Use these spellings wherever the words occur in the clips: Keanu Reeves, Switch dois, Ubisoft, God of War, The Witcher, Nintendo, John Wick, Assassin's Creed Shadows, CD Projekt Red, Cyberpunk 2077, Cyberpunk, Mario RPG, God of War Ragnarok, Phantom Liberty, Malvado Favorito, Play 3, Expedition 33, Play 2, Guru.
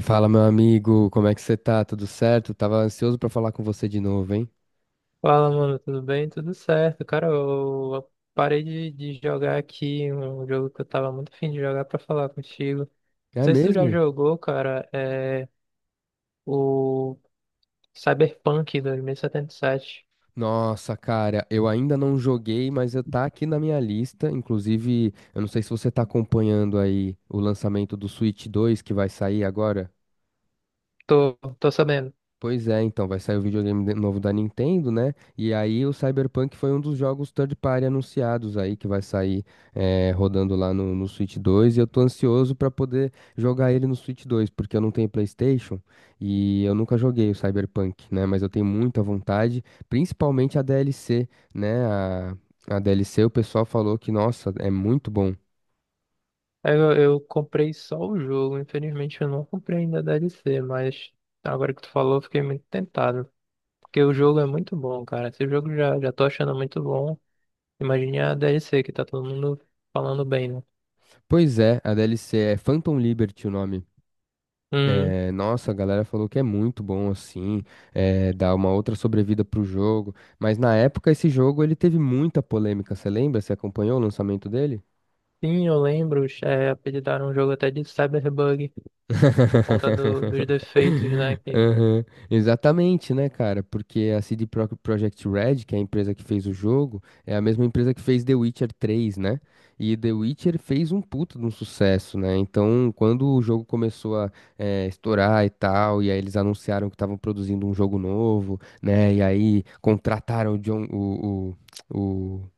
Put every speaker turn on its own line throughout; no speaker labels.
Fala, meu amigo, como é que você tá? Tudo certo? Tava ansioso pra falar com você de novo, hein?
Fala, mano, tudo bem? Tudo certo. Cara, eu parei de jogar aqui um jogo que eu tava muito afim de jogar pra falar contigo. Não
É
sei se tu já
mesmo?
jogou, cara, é o Cyberpunk 2077.
Nossa, cara, eu ainda não joguei, mas eu tá aqui na minha lista. Inclusive, eu não sei se você tá acompanhando aí o lançamento do Switch 2 que vai sair agora.
Tô sabendo.
Pois é, então vai sair o videogame novo da Nintendo, né? E aí o Cyberpunk foi um dos jogos third party anunciados aí que vai sair rodando lá no Switch 2. E eu tô ansioso pra poder jogar ele no Switch 2 porque eu não tenho PlayStation e eu nunca joguei o Cyberpunk, né? Mas eu tenho muita vontade, principalmente a DLC, né? A DLC o pessoal falou que, nossa, é muito bom.
Aí eu comprei só o jogo, infelizmente eu não comprei ainda a DLC, mas agora que tu falou, eu fiquei muito tentado. Porque o jogo é muito bom, cara. Esse jogo já tô achando muito bom. Imagine a DLC que tá todo mundo falando bem, né?
Pois é, a DLC é Phantom Liberty o nome.
Uhum.
É, nossa, a galera falou que é muito bom assim, é, dá uma outra sobrevida pro jogo. Mas na época esse jogo ele teve muita polêmica, você lembra? Você acompanhou o lançamento dele?
Sim, eu lembro, é, apelidaram um jogo até de Cyberbug, por conta dos defeitos, né, que
Aham, exatamente, né, cara? Porque a CD Projekt Red, que é a empresa que fez o jogo, é a mesma empresa que fez The Witcher 3, né? E The Witcher fez um puto de um sucesso, né? Então, quando o jogo começou a estourar e tal, e aí eles anunciaram que estavam produzindo um jogo novo, né? E aí contrataram o John, o,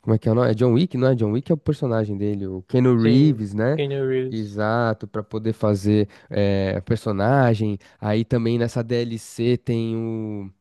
como é que é o nome? É John Wick, não é? John Wick é o personagem dele, o Keanu
sim,
Reeves, né?
Keanu Reeves.
Exato, para poder fazer personagem. Aí também nessa DLC tem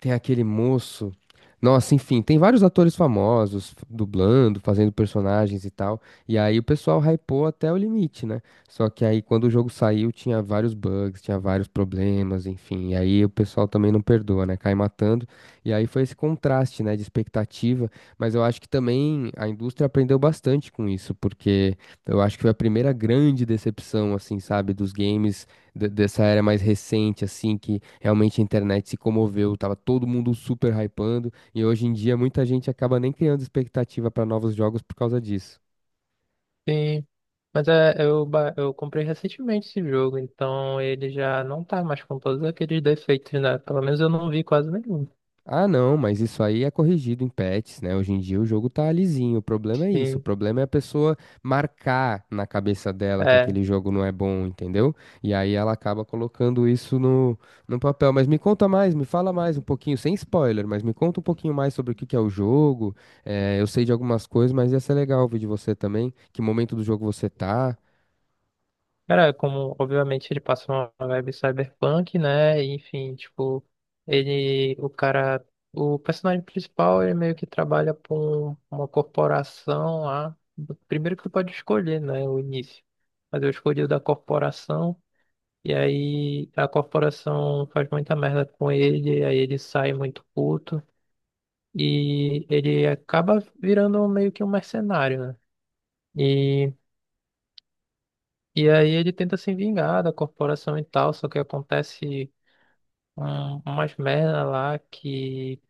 aquele moço. Nossa, enfim, tem vários atores famosos dublando, fazendo personagens e tal. E aí o pessoal hypou até o limite, né? Só que aí quando o jogo saiu tinha vários bugs, tinha vários problemas, enfim. E aí o pessoal também não perdoa, né? Cai matando. E aí foi esse contraste, né, de expectativa. Mas eu acho que também a indústria aprendeu bastante com isso, porque eu acho que foi a primeira grande decepção, assim, sabe, dos games dessa era mais recente, assim, que realmente a internet se comoveu, tava todo mundo super hypando, e hoje em dia muita gente acaba nem criando expectativa para novos jogos por causa disso.
Sim, mas é, eu comprei recentemente esse jogo, então ele já não tá mais com todos aqueles defeitos, né, pelo menos eu não vi quase nenhum.
Ah, não, mas isso aí é corrigido em patches, né? Hoje em dia o jogo tá lisinho. O problema é isso. O
Sim,
problema é a pessoa marcar na cabeça dela que
é.
aquele jogo não é bom, entendeu? E aí ela acaba colocando isso no papel. Mas me conta mais, me fala mais um pouquinho, sem spoiler, mas me conta um pouquinho mais sobre o que que é o jogo. Eu sei de algumas coisas, mas ia ser legal ouvir de você também. Que momento do jogo você tá?
Cara, como obviamente ele passa uma vibe cyberpunk, né? Enfim, tipo, ele, o cara, o personagem principal, ele meio que trabalha para uma corporação lá. Primeiro que tu pode escolher, né? O início. Mas eu escolhi o da corporação, e aí a corporação faz muita merda com ele, aí ele sai muito puto, e ele acaba virando meio que um mercenário, né? E aí ele tenta se vingar da corporação e tal, só que acontece umas merda lá que,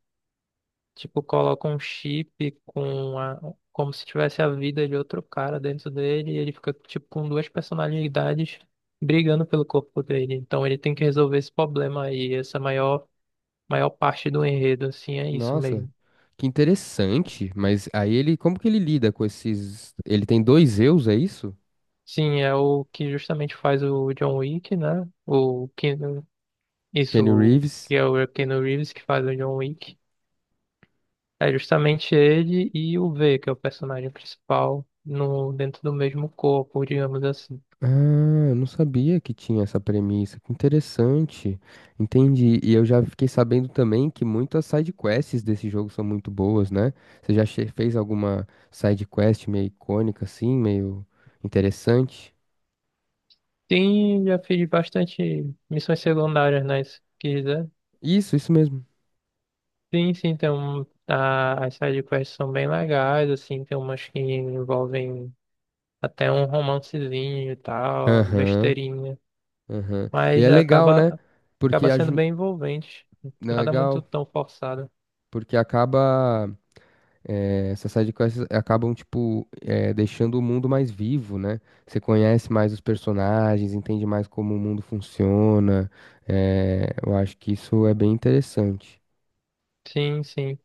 tipo, coloca um chip com como se tivesse a vida de outro cara dentro dele e ele fica, tipo, com duas personalidades brigando pelo corpo dele. Então ele tem que resolver esse problema aí, essa maior parte do enredo, assim, é isso
Nossa.
mesmo.
Que interessante, mas aí ele, como que ele lida com esses? Ele tem dois eus, é isso?
Sim, é o que justamente faz o John Wick, né?
Kenny
Isso,
Reeves.
que é o Keanu Reeves que faz o John Wick. É justamente ele e o V, que é o personagem principal, no, dentro do mesmo corpo, digamos assim.
Ah, eu não sabia que tinha essa premissa. Que interessante. Entendi. E eu já fiquei sabendo também que muitas side quests desse jogo são muito boas, né? Você já fez alguma side quest meio icônica assim, meio interessante?
Sim, já fiz bastante missões secundárias, né? Se quiser.
Isso mesmo.
Sim, tem as side quests são bem legais, assim, tem umas que envolvem até um romancezinho e tal,
Aham,
besteirinha.
aham. E
Mas
é legal,
acaba,
né? Porque
acaba sendo
ajuda.
bem envolvente. Nada muito
Legal.
tão forçado.
Porque acaba. Essas sidequests acabam, tipo, deixando o mundo mais vivo, né? Você conhece mais os personagens, entende mais como o mundo funciona. Eu acho que isso é bem interessante.
Sim, sim.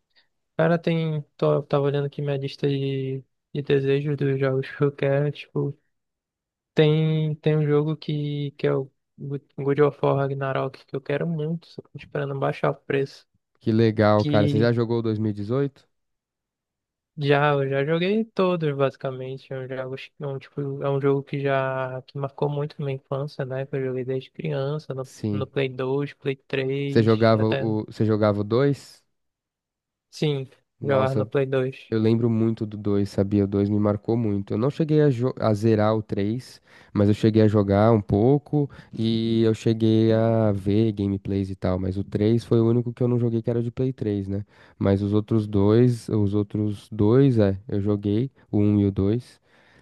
Cara, tem. Tava olhando aqui minha lista de desejos dos jogos que eu quero. Tipo, tem um jogo que é o God of War Ragnarok, que eu quero muito, só tô esperando baixar o preço.
Que legal, cara. Você já
Que
jogou o 2018?
já, eu já joguei todos, basicamente. Tipo, é um jogo que já que marcou muito minha infância, né? Que eu joguei desde criança, no
Sim.
Play 2, Play 3, até.
Você jogava o 2?
Sim, jogar no
Nossa,
Play 2.
eu lembro muito do 2, sabia? O 2 me marcou muito. Eu não cheguei a, a zerar o 3, mas eu cheguei a jogar um pouco e eu cheguei a ver gameplays e tal. Mas o 3 foi o único que eu não joguei que era de Play 3, né? Mas os outros dois, é, eu joguei, o um e o 2.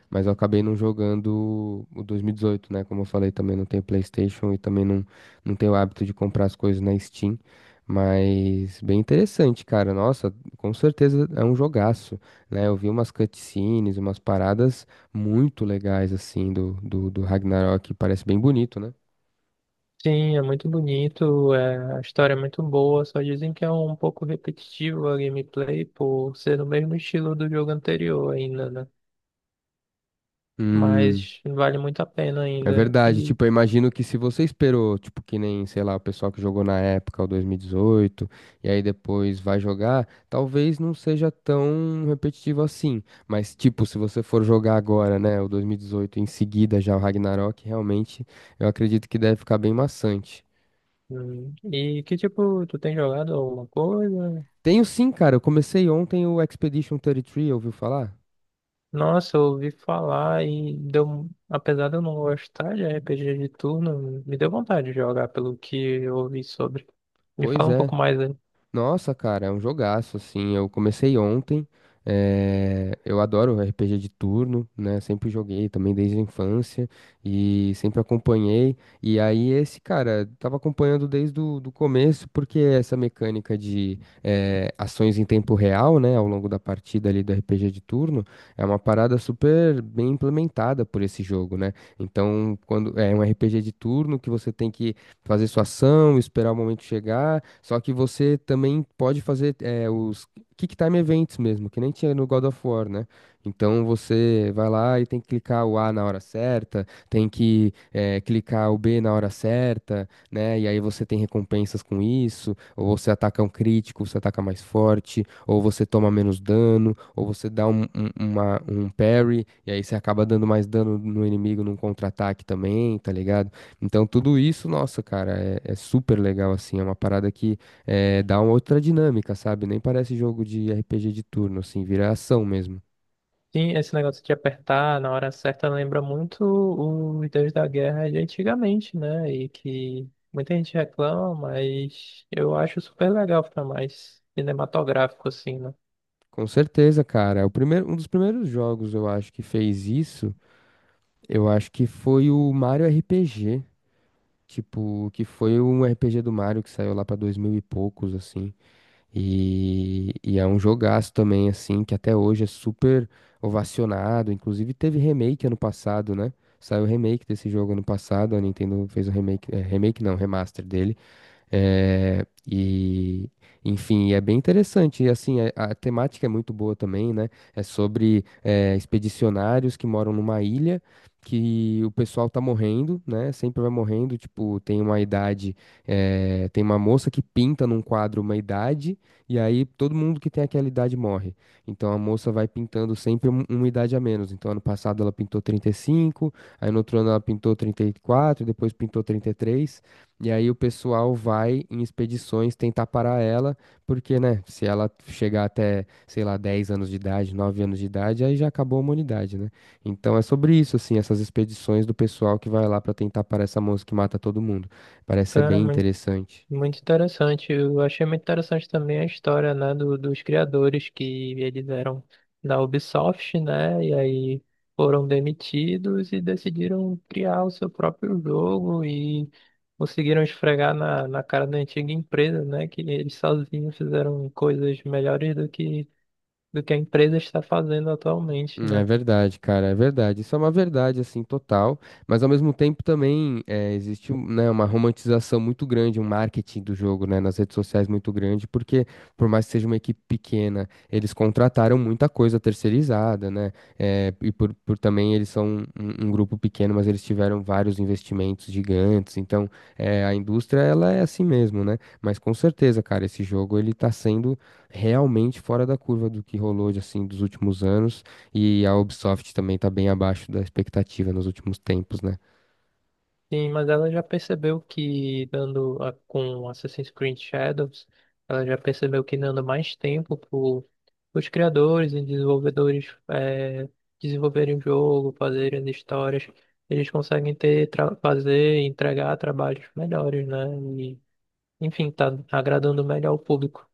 Mas eu acabei não jogando o 2018, né? Como eu falei, também não tenho PlayStation e também não tenho o hábito de comprar as coisas na Steam. Mas bem interessante, cara. Nossa, com certeza é um jogaço, né? Eu vi umas cutscenes, umas paradas muito legais, assim, do Ragnarok. Parece bem bonito, né?
Sim, é muito bonito, é, a história é muito boa, só dizem que é um pouco repetitivo a gameplay por ser no mesmo estilo do jogo anterior ainda, né?
Hum.
Mas vale muito a pena
É
ainda.
verdade, tipo, eu imagino que se você esperou, tipo, que nem, sei lá, o pessoal que jogou na época, o 2018, e dezoito, e aí depois vai jogar, talvez não seja tão repetitivo assim. Mas, tipo, se você for jogar agora, né, o 2018, em seguida já o Ragnarok, realmente, eu acredito que deve ficar bem maçante.
E que tipo, tu tem jogado alguma coisa?
Tenho sim, cara, eu comecei ontem o Expedition 33, ouviu falar?
Nossa, eu ouvi falar e deu, apesar de eu não gostar de RPG de turno, me deu vontade de jogar pelo que eu ouvi sobre. Me
Pois
fala um
é.
pouco mais.
Nossa, cara, é um jogaço, assim, eu comecei ontem, eu adoro RPG de turno, né, sempre joguei também desde a infância e sempre acompanhei, e aí esse, cara, tava acompanhando desde o do começo, porque essa mecânica de ações em tempo real, né, ao longo da partida ali do RPG de turno, é uma parada super bem implementada por esse jogo, né, então, quando é um RPG de turno que você tem que fazer sua ação, esperar o momento chegar. Só que você também pode fazer os Kick Time Events mesmo, que nem tinha no God of War, né? Então você vai lá e tem que clicar o A na hora certa, tem que clicar o B na hora certa, né? E aí você tem recompensas com isso, ou você ataca um crítico, você ataca mais forte, ou você toma menos dano, ou você dá um parry, e aí você acaba dando mais dano no inimigo num contra-ataque também, tá ligado? Então, tudo isso, nossa, cara, é, é super legal, assim, é uma parada que dá uma outra dinâmica, sabe? Nem parece jogo de RPG de turno, assim, vira ação mesmo.
Sim, esse negócio de apertar na hora certa lembra muito os Deus da Guerra de antigamente, né? E que muita gente reclama, mas eu acho super legal, fica mais cinematográfico, assim, né?
Com certeza, cara, é o primeiro, um dos primeiros jogos, eu acho, que fez isso, eu acho que foi o Mario RPG, tipo, que foi um RPG do Mario que saiu lá pra 2000 e poucos, assim. E é um jogaço também, assim, que até hoje é super ovacionado. Inclusive teve remake ano passado, né? Saiu remake desse jogo ano passado, a Nintendo fez o remake, é, remake não, remaster dele. É, e, enfim, é bem interessante. E assim, a temática é muito boa também, né? É sobre é, expedicionários que moram numa ilha que o pessoal tá morrendo, né? Sempre vai morrendo. Tipo, tem uma idade, é, tem uma moça que pinta num quadro uma idade, e aí todo mundo que tem aquela idade morre. Então a moça vai pintando sempre uma idade a menos. Então ano passado ela pintou 35, aí no outro ano ela pintou 34, depois pintou 33, e aí o pessoal vai em expedições tentar parar ela, porque, né, se ela chegar até, sei lá, 10 anos de idade, 9 anos de idade, aí já acabou a humanidade, né? Então é sobre isso, assim, essas expedições do pessoal que vai lá pra tentar parar essa moça que mata todo mundo. Parece ser
Cara,
bem interessante.
muito interessante. Eu achei muito interessante também a história, né, dos criadores que eles eram da Ubisoft, né, e aí foram demitidos e decidiram criar o seu próprio jogo e conseguiram esfregar na cara da antiga empresa, né, que eles sozinhos fizeram coisas melhores do que a empresa está fazendo atualmente,
É
né.
verdade, cara, é verdade. Isso é uma verdade, assim, total. Mas ao mesmo tempo também é, existe, né, uma romantização muito grande, um marketing do jogo, né, nas redes sociais muito grande, porque por mais que seja uma equipe pequena, eles contrataram muita coisa terceirizada, né? É, e por também eles são um grupo pequeno, mas eles tiveram vários investimentos gigantes. Então, é, a indústria, ela é assim mesmo, né? Mas com certeza, cara, esse jogo ele tá sendo realmente fora da curva do que rolou, de, assim, dos últimos anos. E a Ubisoft também tá bem abaixo da expectativa nos últimos tempos, né?
Sim, mas ela já percebeu que com Assassin's Creed Shadows, ela já percebeu que dando mais tempo para os criadores e desenvolvedores é, desenvolverem o jogo, fazerem as histórias, eles conseguem fazer e entregar trabalhos melhores, né? E, enfim, tá agradando melhor o público.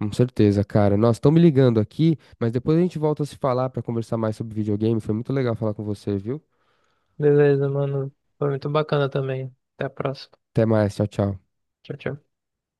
Com certeza, cara. Nossa, estão me ligando aqui, mas depois a gente volta a se falar pra conversar mais sobre videogame. Foi muito legal falar com você, viu?
Beleza, mano. Foi muito bacana também. Até a próxima.
Até mais, tchau, tchau.
Tchau, tchau.